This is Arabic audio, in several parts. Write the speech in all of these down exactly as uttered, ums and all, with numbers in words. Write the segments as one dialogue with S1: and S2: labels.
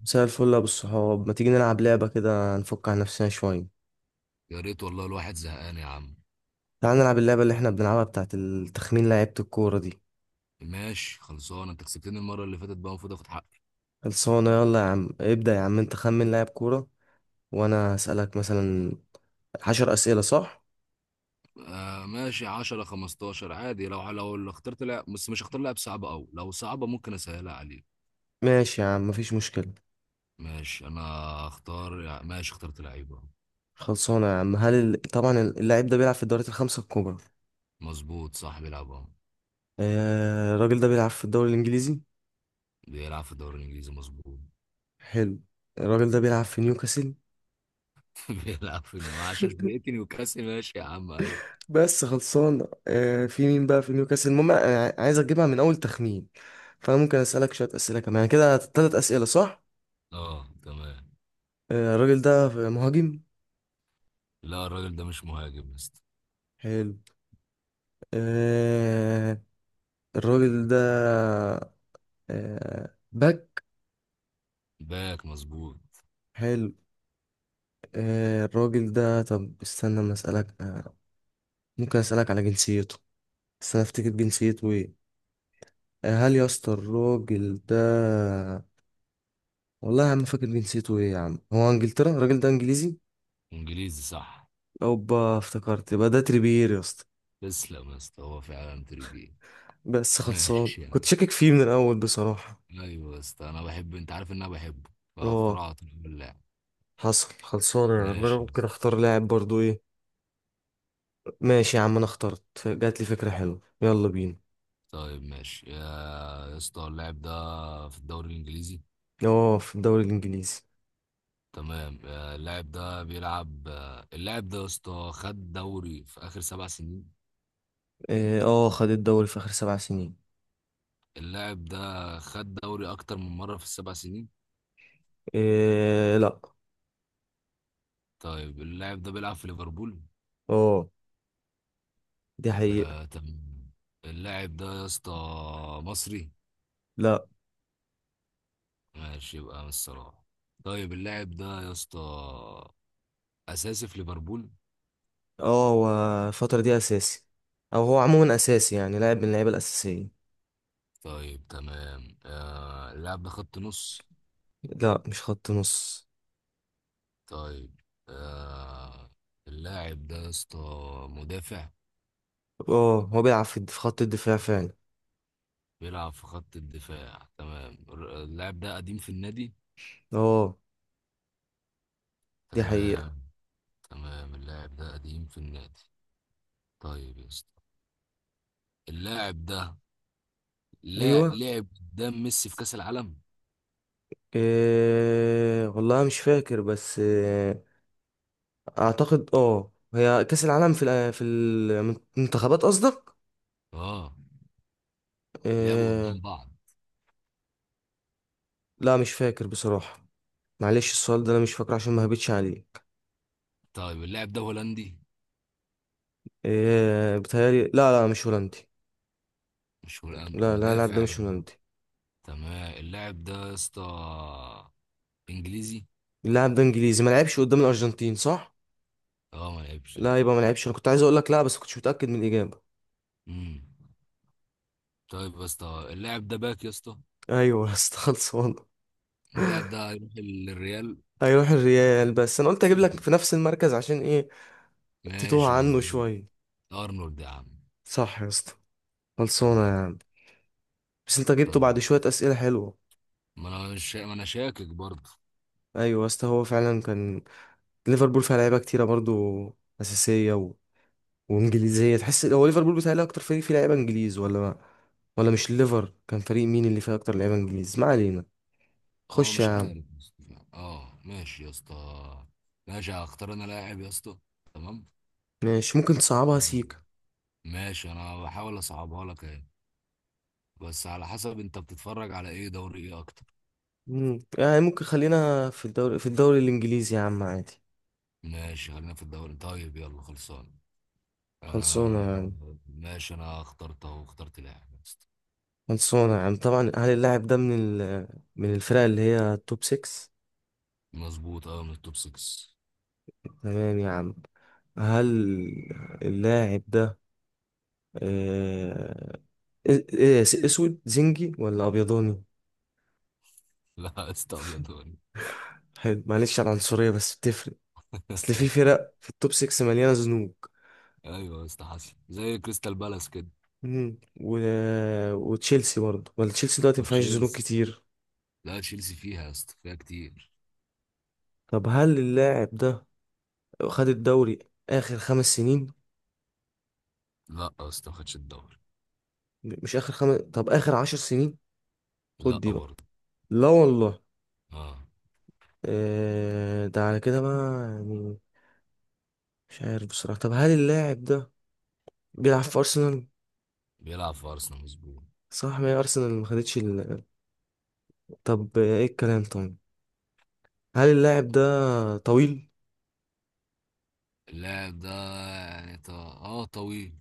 S1: مساء الفل يا ابو الصحاب، ما تيجي نلعب لعبة كده نفك عن نفسنا شوية؟
S2: يا ريت والله الواحد زهقان يا عم.
S1: تعال نلعب اللعبة اللي احنا بنلعبها بتاعت التخمين لعيبة الكورة دي.
S2: ماشي خلصان، انت كسبتني المرة اللي فاتت، بقى المفروض اخد حقي.
S1: خلصانة، يلا يا عم ابدأ. يا عم انت خمن لاعب كورة وانا هسألك مثلا عشر أسئلة صح؟
S2: آه ماشي، عشرة خمستاشر عادي، لو لو لو اخترت لعب، بس مش هختار لعب صعب قوي، لو صعبة ممكن اسهلها عليك.
S1: ماشي يا عم مفيش مشكلة.
S2: ماشي انا اختار، ماشي اخترت لعيبة.
S1: خلصانة يا عم. هل ال... طبعا اللاعب ده بيلعب في الدوريات الخمسة الكبرى؟
S2: مظبوط، صح، بيلعب اهو.
S1: آه... الراجل ده بيلعب في الدوري الإنجليزي؟
S2: بيلعب في الدوري الانجليزي مظبوط.
S1: حلو. الراجل ده بيلعب في نيوكاسل.
S2: بيلعب في نيو، عشان فرقتي نيوكاسل، ماشي يا عم، ايوه.
S1: بس خلصان. آه، في مين بقى في نيوكاسل؟ المهم انا عايز اجيبها من اول تخمين، فانا ممكن اسالك شويه اسئله كمان، يعني كده ثلاث اسئله صح؟
S2: اه تمام.
S1: آه، الراجل ده مهاجم؟
S2: لا الراجل ده مش مهاجم يا اسطى.
S1: حلو. آه، الراجل ده آه، باك؟
S2: باك مظبوط.
S1: حلو. آه، الراجل ده، طب استنى ما اسالك. آه، ممكن اسالك على جنسيته؟ استنى افتكر جنسيته ايه. آه، هل يا اسطى الراجل ده، والله يا عم ما فاكر جنسيته ايه يا عم. هو انجلترا؟ الراجل ده انجليزي؟
S2: انجليزي صح.
S1: اوبا افتكرت، يبقى ده تريبيير يا اسطى.
S2: تسلم يا اسطى، هو فعلا تريبي.
S1: بس خلصان،
S2: ماشي يا
S1: كنت
S2: عم.
S1: شاكك فيه من الاول بصراحة.
S2: ايوه يا اسطى، انا بحب، انت عارف ان انا بحبه،
S1: اه
S2: فاخترعت اللاعب.
S1: حصل. خلصان يا عم. انا
S2: ماشي يا
S1: ممكن
S2: اسطى.
S1: اختار لاعب برضو، ايه؟ ماشي يا عم انا اخترت، ف- جات لي فكرة حلوة يلا بينا.
S2: طيب ماشي يا يا اسطى، اللاعب ده في الدوري الانجليزي.
S1: اه في الدوري الانجليزي.
S2: تمام، آه، اللاعب ده بيلعب، آه، اللاعب ده يا اسطى خد دوري في اخر سبع سنين.
S1: اه، آه، خد الدوري في اخر سبع سنين.
S2: اللاعب ده خد دوري اكتر من مره في السبع سنين.
S1: إيه لا.
S2: طيب اللاعب ده بيلعب في ليفربول.
S1: اه دي حقيقة.
S2: آه تمام. اللاعب ده يا اسطى مصري.
S1: لا.
S2: ماشي، يبقى من الصراحه. طيب اللاعب ده يا اسطى اساسي في ليفربول.
S1: اه هو الفترة دي اساسي، او هو عموما اساسي يعني لاعب من اللعيبة الاساسية.
S2: طيب تمام. آه اللاعب ده خط نص.
S1: لا مش خط نص.
S2: طيب. آه اللاعب ده يا اسطى مدافع.
S1: اه هو بيلعب في في خط الدفاع فعلا.
S2: بيلعب في خط الدفاع تمام. الر- اللاعب ده قديم في النادي.
S1: اه دي
S2: تمام.
S1: حقيقة.
S2: تمام اللاعب ده قديم في النادي. طيب يا اسطى، اللاعب ده لا
S1: أيوة.
S2: لعب قدام ميسي في كأس العالم.
S1: إيه والله مش فاكر بس إيه. أعتقد أه هي كأس العالم في الأ- في المنتخبات قصدك.
S2: اه لعبوا
S1: إيه.
S2: قدام بعض.
S1: لا مش فاكر بصراحة. معلش السؤال ده أنا مش فاكر عشان ما هبتش عليك.
S2: طيب اللاعب ده هولندي.
S1: إيه بتهيألي، لا لا مش هولندي.
S2: مش هولندي
S1: لا لا اللاعب ده
S2: مدافع.
S1: مش هولندي.
S2: تمام اللاعب ده يا اسطى انجليزي.
S1: اللاعب ده إنجليزي؟ ما لعبش قدام الأرجنتين صح؟
S2: اه ما لعبش لا.
S1: لا يبقى ما لعبش. أنا كنت عايز أقول لك لا بس كنتش متأكد من الإجابة.
S2: امم طيب يا اسطى، اللاعب ده باك يا اسطى.
S1: أيوة استخلص والله.
S2: اللاعب ده هيروح للريال.
S1: هيروح الريال؟ بس أنا قلت أجيب لك في نفس المركز عشان إيه، تتوه
S2: ماشي
S1: عنه
S2: مظبوط.
S1: شوية.
S2: ارنولد يا عم.
S1: صح يا اسطى. خلصانة يا
S2: تمام.
S1: عم. بس انت جبته
S2: طيب
S1: بعد شوية أسئلة حلوة.
S2: ما انا مش ما انا شاكك برضه.
S1: أيوة يا اسطى هو فعلا كان. ليفربول فيها لعيبة كتيرة برضو أساسية و... وإنجليزية تحس. هو ليفربول بيتهيألي أكتر فريق فيه لعيبة إنجليز، ولا ما... ولا مش الليفر؟ كان فريق مين اللي فيه أكتر لعيبة إنجليز؟ ما علينا،
S2: اه
S1: خش يا
S2: مش عارف
S1: عم.
S2: يا اسطى. اه ماشي يا اسطى. ماشي هختار انا لاعب يا اسطى. تمام.
S1: ماشي، ممكن تصعبها
S2: تمام.
S1: سيكا.
S2: ماشي انا بحاول اصعبها لك اهي، بس على حسب انت بتتفرج على ايه، دوري ايه اكتر.
S1: مم. يعني ممكن خلينا في الدوري في الدوري الإنجليزي يا عم عادي.
S2: ماشي خلينا في الدوري، طيب يلا خلصان.
S1: خلصانة
S2: آه
S1: يعني.
S2: ماشي، انا اخترت اهو، اخترت لاعب يا اسطى.
S1: خلصانة يا عم. طبعا هل اللاعب ده من ال... من الفرق اللي هي توب ستة؟
S2: مظبوط اه من التوب ستة.
S1: تمام يا عم. هل اللاعب ده آه، إيه- إيه، اسود زنجي ولا ابيضاني؟
S2: لا يا اسطى ابيض وأبيض.
S1: حلو، معلش على العنصرية بس بتفرق. اصل في فرق في التوب ستة مليانة زنوج.
S2: ايوه يا اسطى حصل، زي كريستال بالاس كده.
S1: مم. و... وتشيلسي برضه؟ ولا تشيلسي دلوقتي ما فيهاش زنوج
S2: وتشيلسي،
S1: كتير؟
S2: لا تشيلسي فيها يا اسطى، فيها كتير.
S1: طب هل اللاعب ده خد الدوري اخر خمس سنين؟
S2: لا يا اسطى ما خدش الدوري.
S1: مش اخر خمس، طب اخر عشر سنين،
S2: لا
S1: خد دي بقى؟
S2: برضه.
S1: لا والله.
S2: اه
S1: آه، ده على كده بقى يعني. مش عارف بصراحة. طب هل اللاعب ده بيلعب في أرسنال؟
S2: بيلعب في ارسنال مظبوط.
S1: صح، ما هي أرسنال ما خدتش ال... طب إيه الكلام طيب؟ هل اللاعب ده طويل؟
S2: اللاعب ده يعني ط... اه طويل.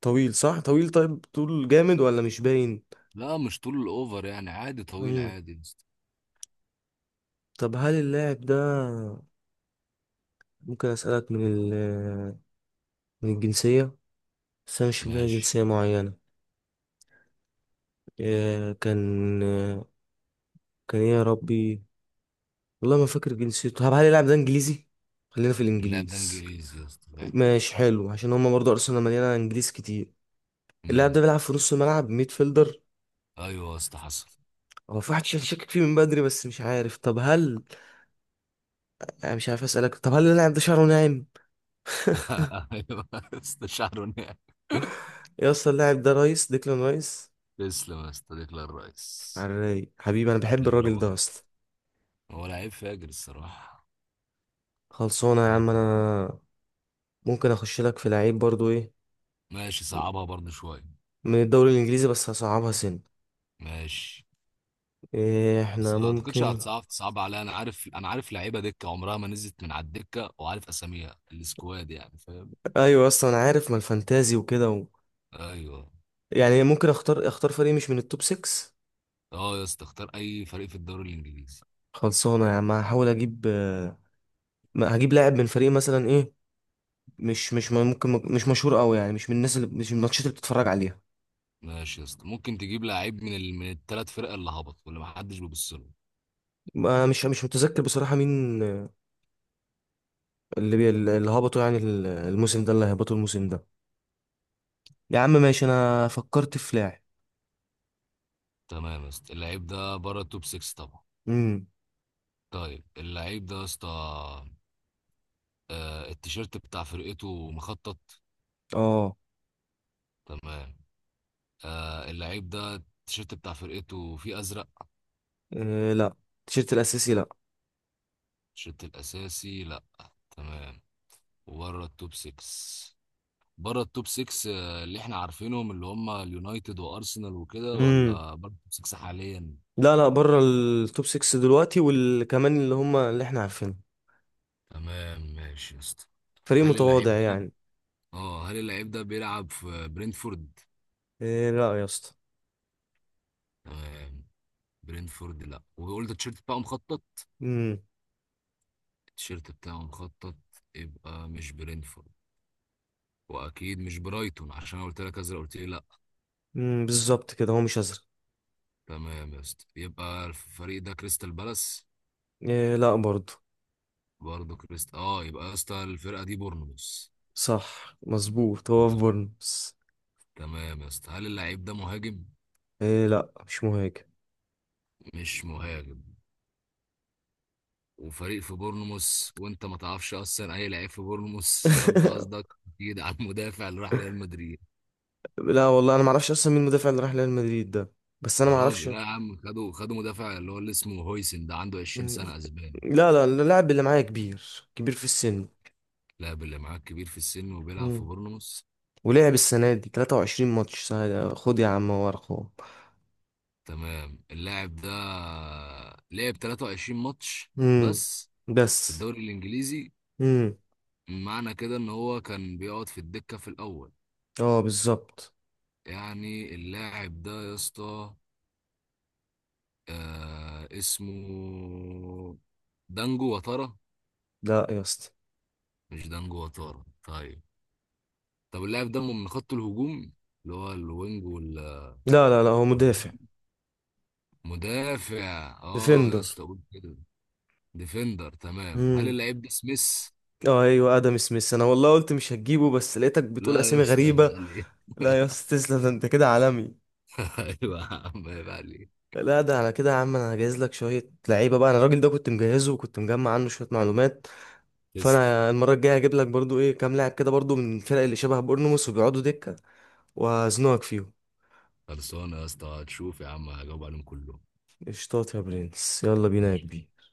S1: طويل صح؟ طويل طيب، طول جامد ولا مش باين؟
S2: لا مش طول الاوفر، يعني عادي، طويل
S1: مم.
S2: عادي يا اسطى.
S1: طب هل اللاعب ده، ممكن أسألك من ال... من الجنسية؟ بس أنا مش في دماغي
S2: ماشي.
S1: جنسية معينة. إيه كان، كان إيه يا ربي؟ والله ما فاكر جنسيته. طب هل اللاعب ده إنجليزي؟ خلينا في
S2: اللاعب ده
S1: الإنجليز.
S2: انجليزي يا اسطى فعلا.
S1: ماشي حلو، عشان هما برضه أرسنال مليانة إنجليز كتير. اللاعب
S2: امم
S1: ده بيلعب في نص الملعب، ميد فيلدر.
S2: ايوه يا اسطى حصل.
S1: هو في واحد شك- شاكك فيه من بدري بس مش عارف. طب هل، أنا مش عارف اسالك، طب هل اللاعب ده شعره ناعم؟
S2: ايوه استشعر ونعم.
S1: إيه يا اسطى، اللاعب ده رايس، ديكلان رايس.
S2: تسلم يا صديقي الرئيس.
S1: على الرايق حبيبي، انا بحب الراجل
S2: نضربها
S1: ده
S2: كده،
S1: اصلا.
S2: هو لعيب فاجر الصراحة.
S1: خلصانه يا عم. انا ممكن اخش لك في لعيب برضو، ايه،
S2: ماشي صعبها برضه شوية.
S1: من الدوري الانجليزي بس هصعبها سن.
S2: ماشي،
S1: إيه
S2: بس
S1: احنا
S2: ما اعتقدش
S1: ممكن.
S2: هتصعب، تصعب عليها، انا عارف انا عارف لعيبة دكة عمرها ما نزلت من على الدكة، وعارف اساميها، السكواد يعني، فاهم.
S1: ايوه اصلا انا عارف، ما الفانتازي وكده و...
S2: ايوه.
S1: يعني ممكن اختار اختار فريق مش من التوب ستة.
S2: اه يا اسطى اختار اي فريق في الدوري الانجليزي.
S1: خلصانه يا عم هحاول اجيب. آه، ما هجيب لاعب من فريق مثلا إيه، مش مش ممكن مش مشهور قوي، يعني مش من الناس اللي، مش من الماتشات اللي بتتفرج عليها.
S2: ماشي يا اسطى، ممكن تجيب لعيب من ال... من الثلاث فرق اللي هبطوا واللي ما حدش بيبص له.
S1: ما- مش مش متذكر بصراحة مين اللي بي... اللي هبطوا يعني ال- الموسم ده، اللي هبطوا الموسم ده. يا عم ماشي، انا فكرت في لاعب.
S2: تمام يا اسطى، اللعيب ده بره التوب ستة طبعا.
S1: امم.
S2: طيب اللعيب ده يا اسطى، آه، التيشيرت بتاع فرقته مخطط.
S1: اه.
S2: تمام. آه، اللعيب ده التيشيرت بتاع فرقته فيه ازرق.
S1: إيه، لا التيشيرت الاساسي لا.
S2: التيشيرت الاساسي لا. تمام. وبره التوب ستة، بره التوب ستة آه، اللي احنا عارفينهم اللي هم اليونايتد وارسنال وكده،
S1: امم.
S2: ولا بره التوب ستة حاليا.
S1: لا لا بره التوب ستة دلوقتي والكمان اللي هم اللي احنا عارفينه.
S2: تمام ماشي يا اسطى.
S1: فريق
S2: هل
S1: متواضع
S2: اللعيب ده،
S1: يعني.
S2: اه هل اللعيب ده بيلعب في برينتفورد؟
S1: إيه لا يا اسطى.
S2: تمام. برينتفورد لا، وقلت التيشيرت بتاعه مخطط.
S1: امم.
S2: التيشيرت بتاعه مخطط، يبقى مش برينفورد. واكيد مش برايتون، عشان أنا قلت لك ازرق قلت لي لا.
S1: امم بالظبط كده هو مش ازرق.
S2: تمام يا اسطى، يبقى الفريق ده كريستال بالاس.
S1: إيه لا برضه.
S2: برضه كريست اه يبقى يا اسطى الفرقه دي بورنموث.
S1: صح مظبوط هو في بورنموث.
S2: تمام يا اسطى، هل اللعيب ده مهاجم؟
S1: إيه لا مش مهاجم.
S2: مش مهاجم. وفريق في بورنموث، وانت ما تعرفش اصلا اي لعيب في بورنموث، فانت قصدك اكيد على المدافع اللي راح ريال مدريد.
S1: لا والله انا ما اعرفش اصلا مين المدافع اللي راح ريال مدريد ده. بس انا
S2: يا
S1: ما اعرفش.
S2: راجل لا يا عم، خدوا خدوا مدافع اللي هو اللي اسمه هويسن ده، عنده عشرين
S1: مم.
S2: سنه، اسباني.
S1: لا لا اللاعب اللي معايا كبير، كبير في السن.
S2: اللاعب اللي معاك كبير في السن وبيلعب في
S1: مم.
S2: بورنموث.
S1: ولعب السنه دي ثلاثة وعشرين ماتش سهل. خد يا عم هو ارقام.
S2: تمام اللاعب ده لعب تلاتة وعشرين ماتش
S1: مم.
S2: بس في
S1: بس.
S2: الدوري الإنجليزي،
S1: مم.
S2: معنى كده إن هو كان بيقعد في الدكة في الأول.
S1: اه بالظبط.
S2: يعني اللاعب ده يا اسطى، آه اسمه دانجو وتارا.
S1: لا يا اسطى.
S2: مش دانجو وتارا طيب. طب اللاعب ده من خط الهجوم، اللي هو الوينج وال-
S1: لا لا لا هو مدافع.
S2: والمدافع. اه يا
S1: ديفندر.
S2: اسطى قول كده، ديفندر. تمام. هل
S1: مم.
S2: اللاعب ده سميث؟
S1: اه ايوه ادم سميث. انا والله قلت مش هتجيبه بس لقيتك بتقول
S2: لا يا
S1: اسامي
S2: اسطى عيب
S1: غريبه.
S2: عليك.
S1: لا يا اسطى تسلم، ده انت كده عالمي.
S2: ايوه يا عم عيب عليك.
S1: لا ده على كده يا عم، انا هجهز لك شويه لعيبه بقى. انا الراجل ده كنت مجهزه وكنت مجمع عنه شويه معلومات.
S2: تسلم.
S1: فانا المره الجايه هجيب لك برضو ايه كام لاعب كده برضو من الفرق اللي شبه بورنموث وبيقعدوا دكه، وهزنقك فيهم.
S2: خلصانه يا اسطى، هتشوف يا عم هجاوب عليهم كلهم.
S1: قشطات يا برنس، يلا بينا يا
S2: ماشي
S1: كبير.